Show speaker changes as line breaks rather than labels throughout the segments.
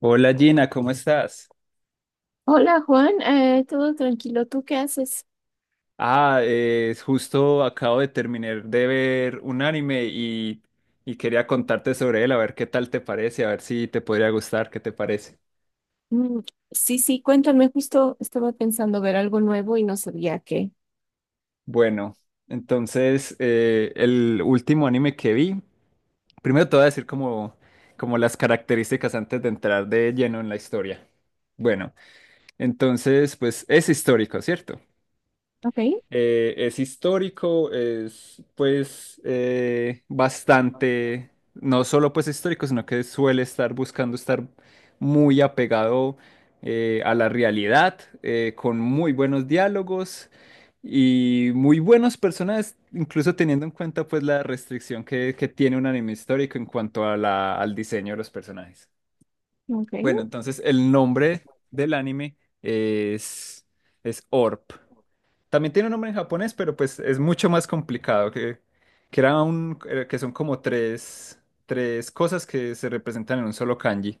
Hola Gina, ¿cómo estás?
Hola Juan, todo tranquilo, ¿tú qué haces?
Justo acabo de terminar de ver un anime y quería contarte sobre él, a ver qué tal te parece, a ver si te podría gustar, ¿qué te parece?
Mm, sí, cuéntame, justo estaba pensando ver algo nuevo y no sabía qué.
Bueno, entonces el último anime que vi, primero te voy a decir como las características antes de entrar de lleno en la historia. Bueno, entonces pues es histórico, ¿cierto?
Ok,
Es histórico, es pues bastante, no solo pues histórico, sino que suele estar buscando estar muy apegado a la realidad, con muy buenos diálogos y muy buenos personajes, incluso teniendo en cuenta pues la restricción que tiene un anime histórico en cuanto a al diseño de los personajes.
ok,
Bueno, entonces el nombre del anime es, es Orp. También tiene un nombre en japonés, pero pues es mucho más complicado, que era un que son como tres cosas que se representan en un solo kanji.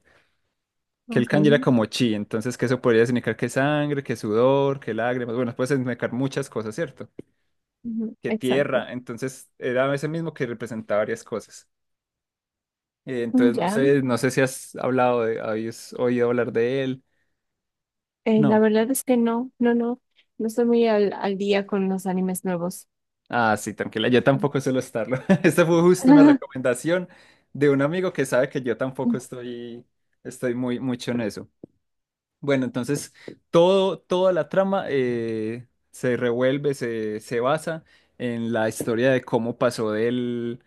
Que el
ok,
kanji era como chi, entonces que eso podría significar que sangre, que sudor, que lágrimas, bueno, puede significar muchas cosas, ¿cierto?
ujú,
Que
exacto.
tierra, entonces era ese mismo que representaba varias cosas.
Mm,
Entonces
ya,
no sé si has habías oído hablar de él.
La
No.
verdad es que no estoy muy al día con los animes nuevos.
Ah, sí, tranquila, yo tampoco suelo estarlo. Esta fue justo una recomendación de un amigo que sabe que yo tampoco estoy muy mucho en eso. Bueno, entonces toda la trama se basa en la historia de cómo pasó del,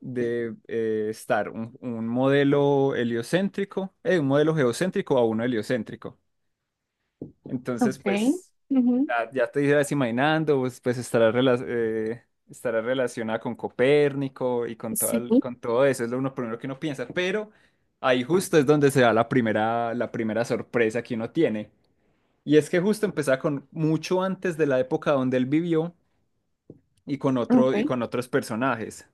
de eh, estar un modelo heliocéntrico, un modelo geocéntrico a uno heliocéntrico. Entonces,
Ok,
pues...
ujú,
Ya, ya te ibas imaginando, pues, pues estará relacionada con Copérnico y con todo,
sí,
con todo eso, es lo uno primero que uno piensa, pero ahí justo es donde se da la primera sorpresa que uno tiene. Y es que justo empezaba con mucho antes de la época donde él vivió y con
ok,
otros personajes.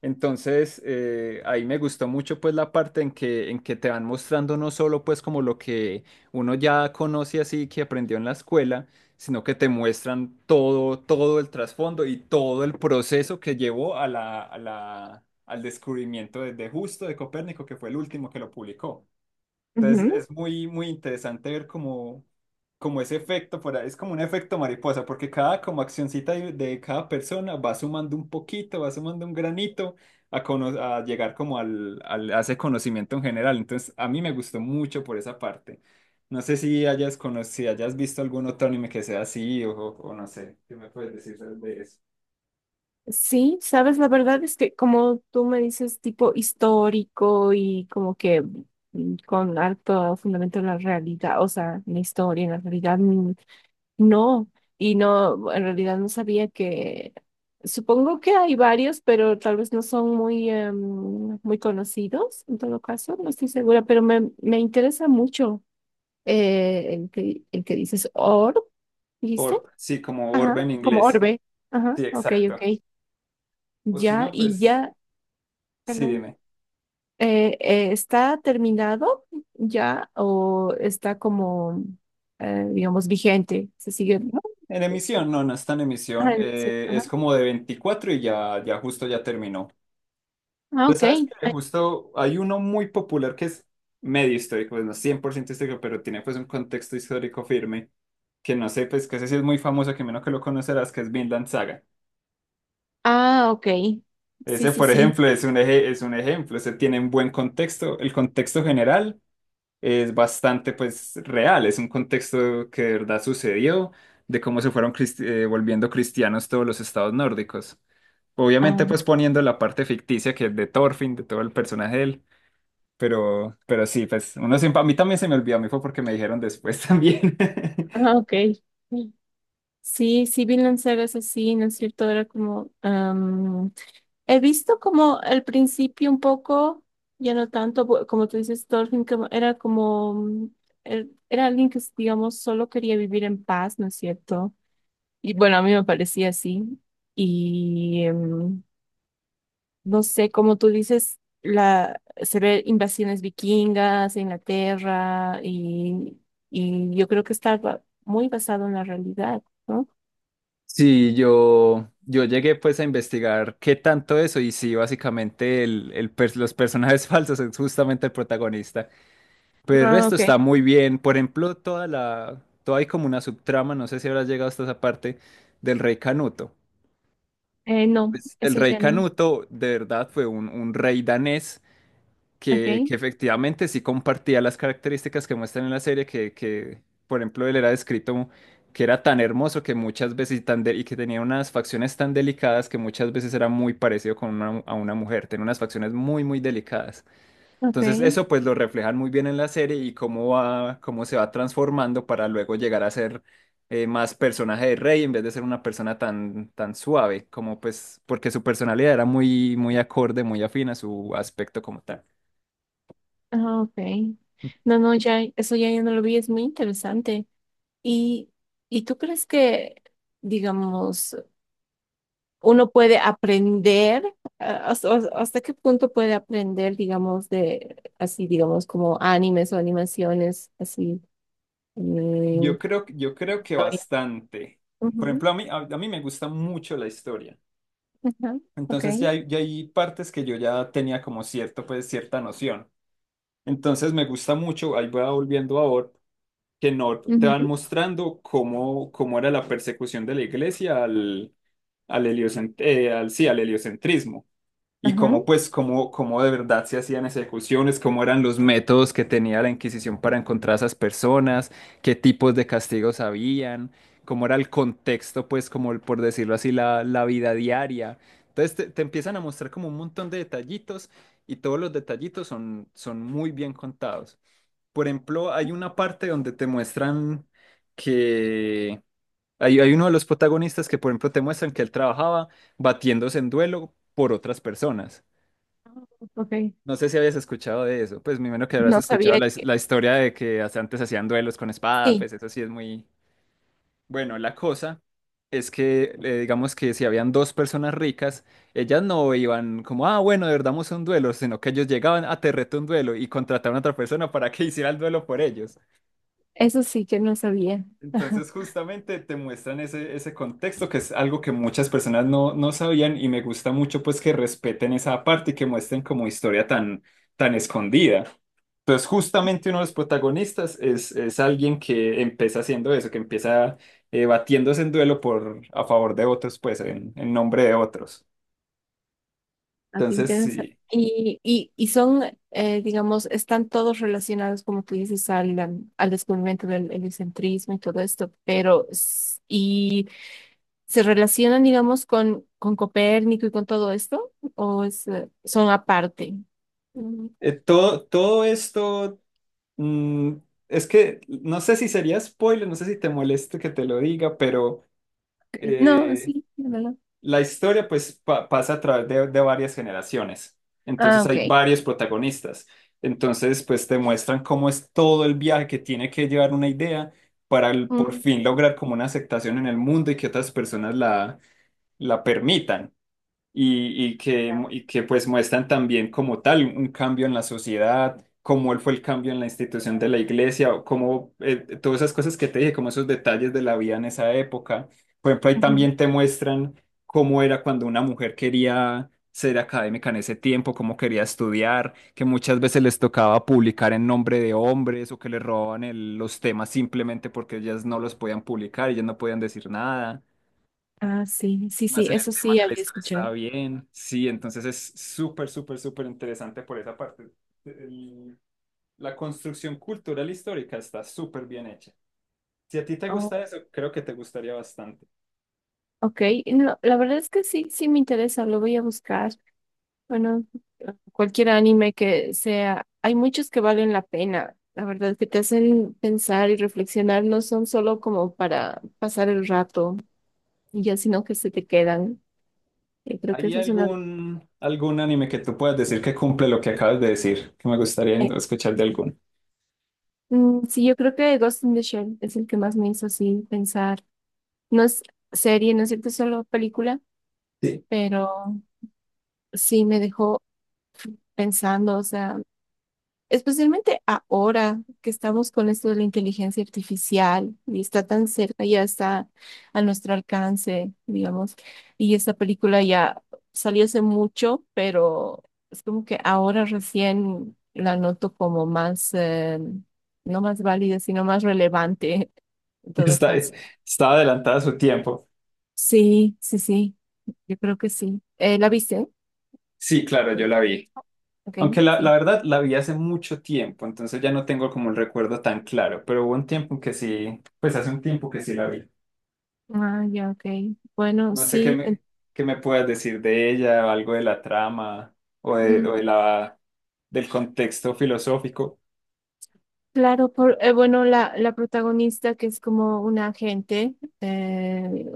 Entonces, ahí me gustó mucho pues la parte en que te van mostrando no solo pues como lo que uno ya conoce así que aprendió en la escuela, sino que te muestran todo el trasfondo y todo el proceso que llevó a al descubrimiento de Justo de Copérnico, que fue el último que lo publicó. Entonces
ujú,
es muy interesante ver como ese efecto, por ahí, es como un efecto mariposa, porque cada como accioncita de cada persona va sumando un poquito, va sumando un granito a llegar como a ese conocimiento en general. Entonces a mí me gustó mucho por esa parte. No sé si hayas conocido, hayas visto algún otro anime que sea así no sé, ¿qué me puedes decir de eso?
sí, sabes, la verdad es que como tú me dices, tipo histórico y con alto fundamento en la realidad, o sea, en la historia, en la realidad, mm, no, y no, en realidad no supongo que hay varios, pero tal vez no son muy conocidos, en todo caso, no estoy segura, pero me interesa mucho el que dices orb, ¿viste?
Orb, sí, como Orb
Ajá,
en
como
inglés.
orbe, ajá,
Sí,
ok, ok.
exacto. O si
Ya,
no,
y
pues
ya
sí,
perdón.
dime.
¿Está terminado ya o digamos, vigente? ¿Se sigue?
No, en emisión, no, no está en
Ah,
emisión.
el museo, ajá.
Es como de 24 y ya justo ya terminó.
Ah,
Pues
ok.
sabes que justo hay uno muy popular que es medio histórico, pues no 100% histórico, pero tiene pues un contexto histórico firme, que no sé, pues que ese sí es muy famoso, que menos que lo conocerás, que es Vinland Saga.
Ah, ok. Sí,
Ese,
sí,
por
sí.
ejemplo, es es un ejemplo, ese tiene un buen contexto. El contexto general es bastante pues real, es un contexto que de verdad sucedió, de cómo se fueron volviendo cristianos todos los estados nórdicos. Obviamente,
Ah,
pues poniendo la parte ficticia que es de Thorfinn, de todo el personaje de él, pero sí, pues uno siempre, a mí también se me olvidó, a mí fue porque me dijeron después también.
ah, ok. Sí, sí, Vinland Saga es así, ¿no es cierto? He visto como al principio un poco, ya no tanto, como tú dices, Thorfinn, como- era como, mm, er- era alguien que, digamos, solo quería vivir en paz, ¿no es cierto? Y bueno, a mí me parecía así. Y em, no sé, como tú dices, se ve invasiones vikingas, en Inglaterra, y yo creo que está muy basado en la realidad, ¿no?
Sí, yo llegué pues a investigar qué tanto eso y sí, básicamente los personajes falsos es justamente el protagonista, pero el
Ah,
resto
ok.
está muy bien, por ejemplo, toda hay como una subtrama, no sé si habrás llegado hasta esa parte del rey Canuto.
No,
Pues, el
eso
rey
ya no.
Canuto de verdad fue un rey danés
Ok,
que efectivamente sí compartía las características que muestran en la serie, por ejemplo, él era descrito que era tan hermoso que muchas veces y que tenía unas facciones tan delicadas que muchas veces era muy parecido a una mujer, tenía unas facciones muy delicadas. Entonces
ok,
eso pues lo reflejan muy bien en la serie y cómo se va transformando para luego llegar a ser más personaje de Rey en vez de ser una persona tan suave, como pues porque su personalidad era muy acorde, muy afín a su aspecto como tal.
ah, ok. No, no, ya, eso ya yo no lo vi, es muy interesante. ¿Y, ¿y tú crees que, digamos, uno puede aprender, hasta, hasta qué punto puede aprender, digamos, de así, digamos, como animes o animaciones, así, mm,
Yo creo que
historia.
bastante. Por
Ujú,
ejemplo, a mí me gusta mucho la historia.
ajá, ok,
Entonces ya hay partes que yo ya tenía como cierto, pues cierta noción. Entonces me gusta mucho, ahí voy volviendo a Orb, que no te van
ujú,
mostrando cómo era la persecución de la iglesia al heliocentrismo y
ajá,
cómo, pues, cómo de verdad se hacían ejecuciones, cómo eran los métodos que tenía la Inquisición para encontrar a esas personas, qué tipos de castigos habían, cómo era el contexto, pues, como por decirlo así, la vida diaria. Entonces te empiezan a mostrar como un montón de detallitos y todos los detallitos son muy bien contados. Por ejemplo, hay una parte donde te muestran que hay uno de los protagonistas que, por ejemplo, te muestran que él trabajaba batiéndose en duelo por otras personas.
ok.
No sé si habías escuchado de eso, pues me imagino que habrás
No
escuchado
sabía que,
la historia de que hasta antes hacían duelos con espada,
sí,
pues eso sí es muy... Bueno, la cosa es que digamos que si habían dos personas ricas, ellas no iban como, ah, bueno, de verdad vamos a un duelo, sino que ellos llegaban a te reto un duelo y contrataban a otra persona para que hiciera el duelo por ellos.
eso sí que no sabía. Ajá.
Entonces justamente te muestran ese contexto que es algo que muchas personas no sabían y me gusta mucho pues que respeten esa parte y que muestren como historia tan, tan escondida. Entonces justamente uno de los protagonistas es alguien que empieza haciendo eso, que empieza batiéndose en duelo por, a favor de otros, pues en nombre de otros.
Así
Entonces
interesa.
sí,
¿Y son, digamos, están todos relacionados, como tú dices, al descubrimiento del heliocentrismo y todo esto, pero ¿se relacionan, digamos, con Copérnico y con todo esto? ¿O son aparte? Mm,
todo esto mm, es que no sé si sería spoiler, no sé si te moleste que te lo diga, pero...
ok. No,
eh,
sí, de verdad.
La historia pues pasa a través de varias generaciones,
Ah,
entonces
ok.
hay varios protagonistas, entonces pues te muestran cómo es todo el viaje que tiene que llevar una idea para por
Mm,
fin lograr como una aceptación en el mundo y que otras personas la permitan y, y que pues muestran también como tal un cambio en la sociedad, cómo él fue el cambio en la institución de la iglesia, o cómo todas esas cosas que te dije, como esos detalles de la vida en esa época. Por ejemplo, ahí
ujú.
también te muestran cómo era cuando una mujer quería ser académica en ese tiempo, cómo quería estudiar, que muchas veces les tocaba publicar en nombre de hombres o que les robaban los temas simplemente porque ellas no los podían publicar, ellas no podían decir nada
Ah, sí, sí, sí,
más en el
eso
tema
sí
que la
había
historia está
escuchado.
bien. Sí, entonces es súper, súper, súper interesante por esa parte. El- la construcción cultural histórica está súper bien hecha. Si a ti te
Oh,
gusta eso, creo que te gustaría bastante.
ok, no, la verdad es que sí, sí me interesa, lo voy a buscar. Bueno, cualquier anime que sea, hay muchos que valen la pena, la verdad, que te hacen pensar y reflexionar, no son solo como para pasar el rato y ya, sino que se te quedan. Creo que
¿Hay
esa es una.
algún anime que tú puedas decir que cumple lo que acabas de decir? Que me gustaría
Eh,
escuchar de alguno.
sí, yo creo que Ghost in the Shell es el que más me hizo así pensar. No es serie, no es cierto, es solo película,
Sí.
pero sí me dejó pensando, o sea. Especialmente ahora que estamos con esto de la inteligencia artificial y está tan cerca, ya está a nuestro alcance, digamos. Y esta película ya salió hace mucho, pero es como que ahora recién la noto como más, no más válida, sino más relevante en todo
Está,
caso.
Estaba adelantada a su tiempo.
Sí, sí, sí, yo creo que sí. ¿La viste?
Sí, claro, yo la vi.
Ok,
Aunque la
sí.
verdad la vi hace mucho tiempo, entonces ya no tengo como el recuerdo tan claro, pero hubo un tiempo que sí, pues hace un tiempo que sí la vi.
Ah, ya, ok. Bueno,
No sé
sí.
qué me puedas decir de ella, o algo de la trama o
Mm,
de del contexto filosófico.
Claro, bueno, la protagonista que es como una agente eh,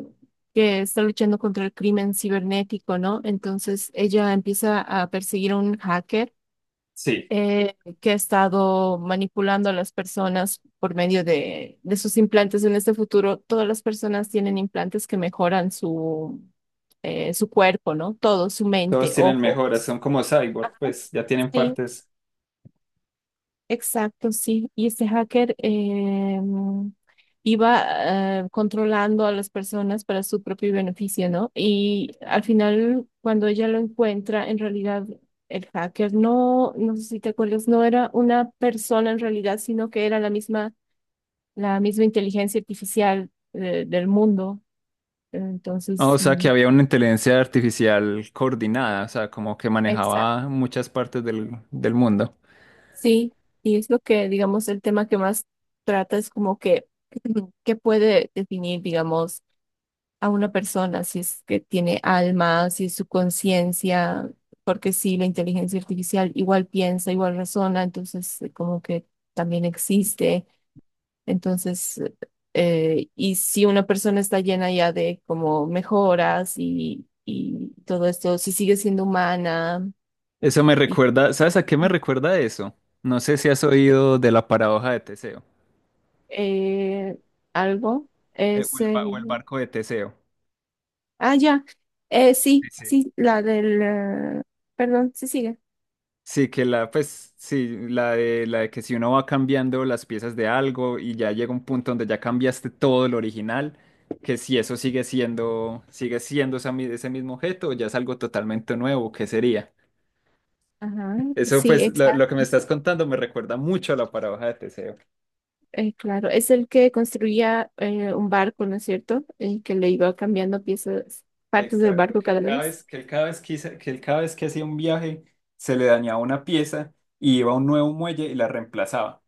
que está luchando contra el crimen cibernético, ¿no? Entonces ella empieza a perseguir a un hacker
Sí,
que ha estado manipulando a las personas por medio de sus implantes. En este futuro, todas las personas tienen implantes que mejoran su cuerpo, ¿no? Todo, su
todos
mente,
tienen mejoras,
ojos.
son como cyborg,
Ajá,
pues ya tienen
sí,
partes.
exacto, sí. Y este hacker iba controlando a las personas para su propio beneficio, ¿no? Y al final, cuando ella lo encuentra, en realidad el hacker, no sé si te acuerdas, no era una persona en realidad, sino que era la misma inteligencia artificial del mundo.
Ah,
Entonces,
o sea, que
mm,
había una inteligencia artificial coordinada, o sea, como que
exacto.
manejaba muchas partes del mundo.
Sí, y es lo que, digamos, el tema que más trata es como que, qué puede definir, digamos, a una persona, si es que tiene alma, si es su conciencia, porque sí, la inteligencia artificial igual piensa, igual razona, entonces como que también existe. Entonces, y si una persona está llena ya de como mejoras y todo esto, si sigue siendo humana
Eso me
y
recuerda, ¿sabes a qué me recuerda eso? No sé si has oído de la paradoja de Teseo,
eh, algo, es...
o
eh,
el barco de Teseo.
ah, ya,
Sí,
sí,
sí.
sí, la del... perdón, sí sigue.
Sí, que la, pues, sí, la de que si uno va cambiando las piezas de algo y ya llega un punto donde ya cambiaste todo el original, que si eso sigue siendo esa ese mismo objeto, ya es algo totalmente nuevo, ¿qué sería?
Ajá,
Eso,
sí,
pues, lo
exacto.
que me estás contando me recuerda mucho a la paradoja de Teseo.
Claro, es el que construía un barco, ¿no es cierto? El que le iba cambiando piezas, partes del
Exacto,
barco
que él
cada
cada
vez.
vez, que él cada vez que, hice- que él cada vez que hacía un viaje se le dañaba una pieza y iba a un nuevo muelle y la reemplazaba.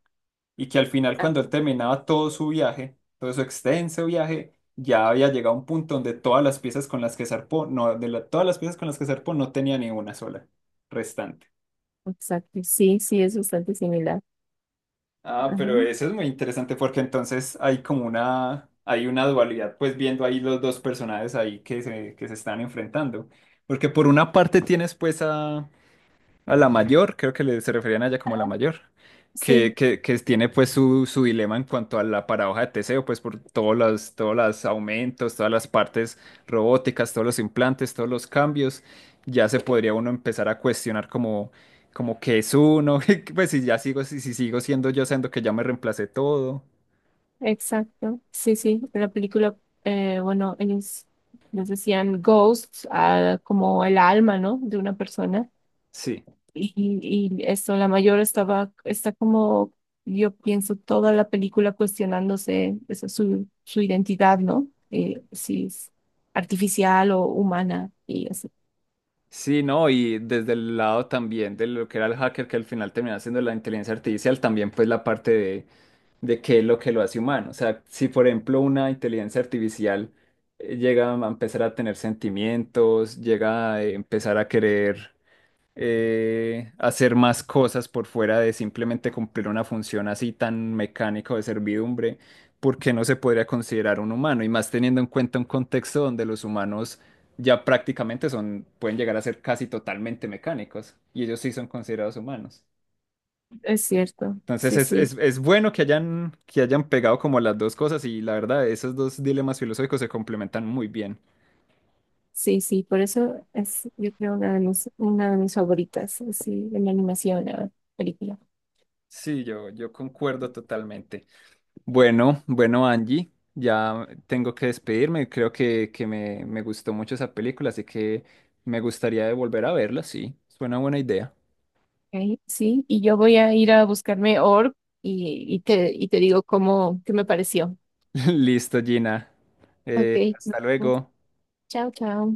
Y que al final
Ah,
cuando él terminaba todo su viaje, todo su extenso viaje, ya había llegado a un punto donde todas las piezas con las que zarpó, no, de la- todas las piezas con las que zarpó no tenía ni una sola restante.
exacto. Sí, sí, es bastante similar.
Ah,
Ajá.
pero eso es muy interesante porque entonces hay como hay una dualidad, pues viendo ahí los dos personajes ahí que se están enfrentando. Porque por una parte tienes pues a la mayor, creo que se referían a ella como la mayor,
Sí,
que tiene pues su dilema en cuanto a la paradoja de Teseo, pues por todos todos los aumentos, todas las partes robóticas, todos los implantes, todos los cambios, ya se podría uno empezar a cuestionar como qué es uno, pues si ya sigo, si sigo siendo yo, siendo que ya me reemplacé todo.
exacto. Sí, sí. La película, bueno, ellos les decían ghosts, ah, como el alma, ¿no? De una persona.
Sí.
Y, y eso, la mayor está como, yo pienso, toda la película cuestionándose eso, su identidad, ¿no? Si es artificial o humana, y eso.
Sí, no, y desde el lado también de lo que era el hacker, que al final termina siendo la inteligencia artificial, también pues la parte de qué es lo que lo hace humano. O sea, si por ejemplo una inteligencia artificial llega a empezar a tener sentimientos, llega a empezar a querer hacer más cosas por fuera de simplemente cumplir una función así tan mecánica o de servidumbre, porque no se podría considerar un humano? Y más teniendo en cuenta un contexto donde los humanos ya prácticamente pueden llegar a ser casi totalmente mecánicos, y ellos sí son considerados humanos.
Es cierto,
Entonces
sí, sí,
es bueno que que hayan pegado como las dos cosas y la verdad, esos dos dilemas filosóficos se complementan muy bien.
sí, sí, por eso es, yo creo, una de una de mis favoritas, así, en la animación, la película.
Sí, yo concuerdo totalmente. Bueno, bueno, Angie, ya tengo que despedirme. Creo me gustó mucho esa película, así que me gustaría de volver a verla, sí. Suena buena idea.
Ok, sí, y yo voy a ir a buscarme Org y y te digo cómo, qué me pareció.
Listo, Gina.
Ok. Nos
Hasta
vemos.
luego.
Chao, chao.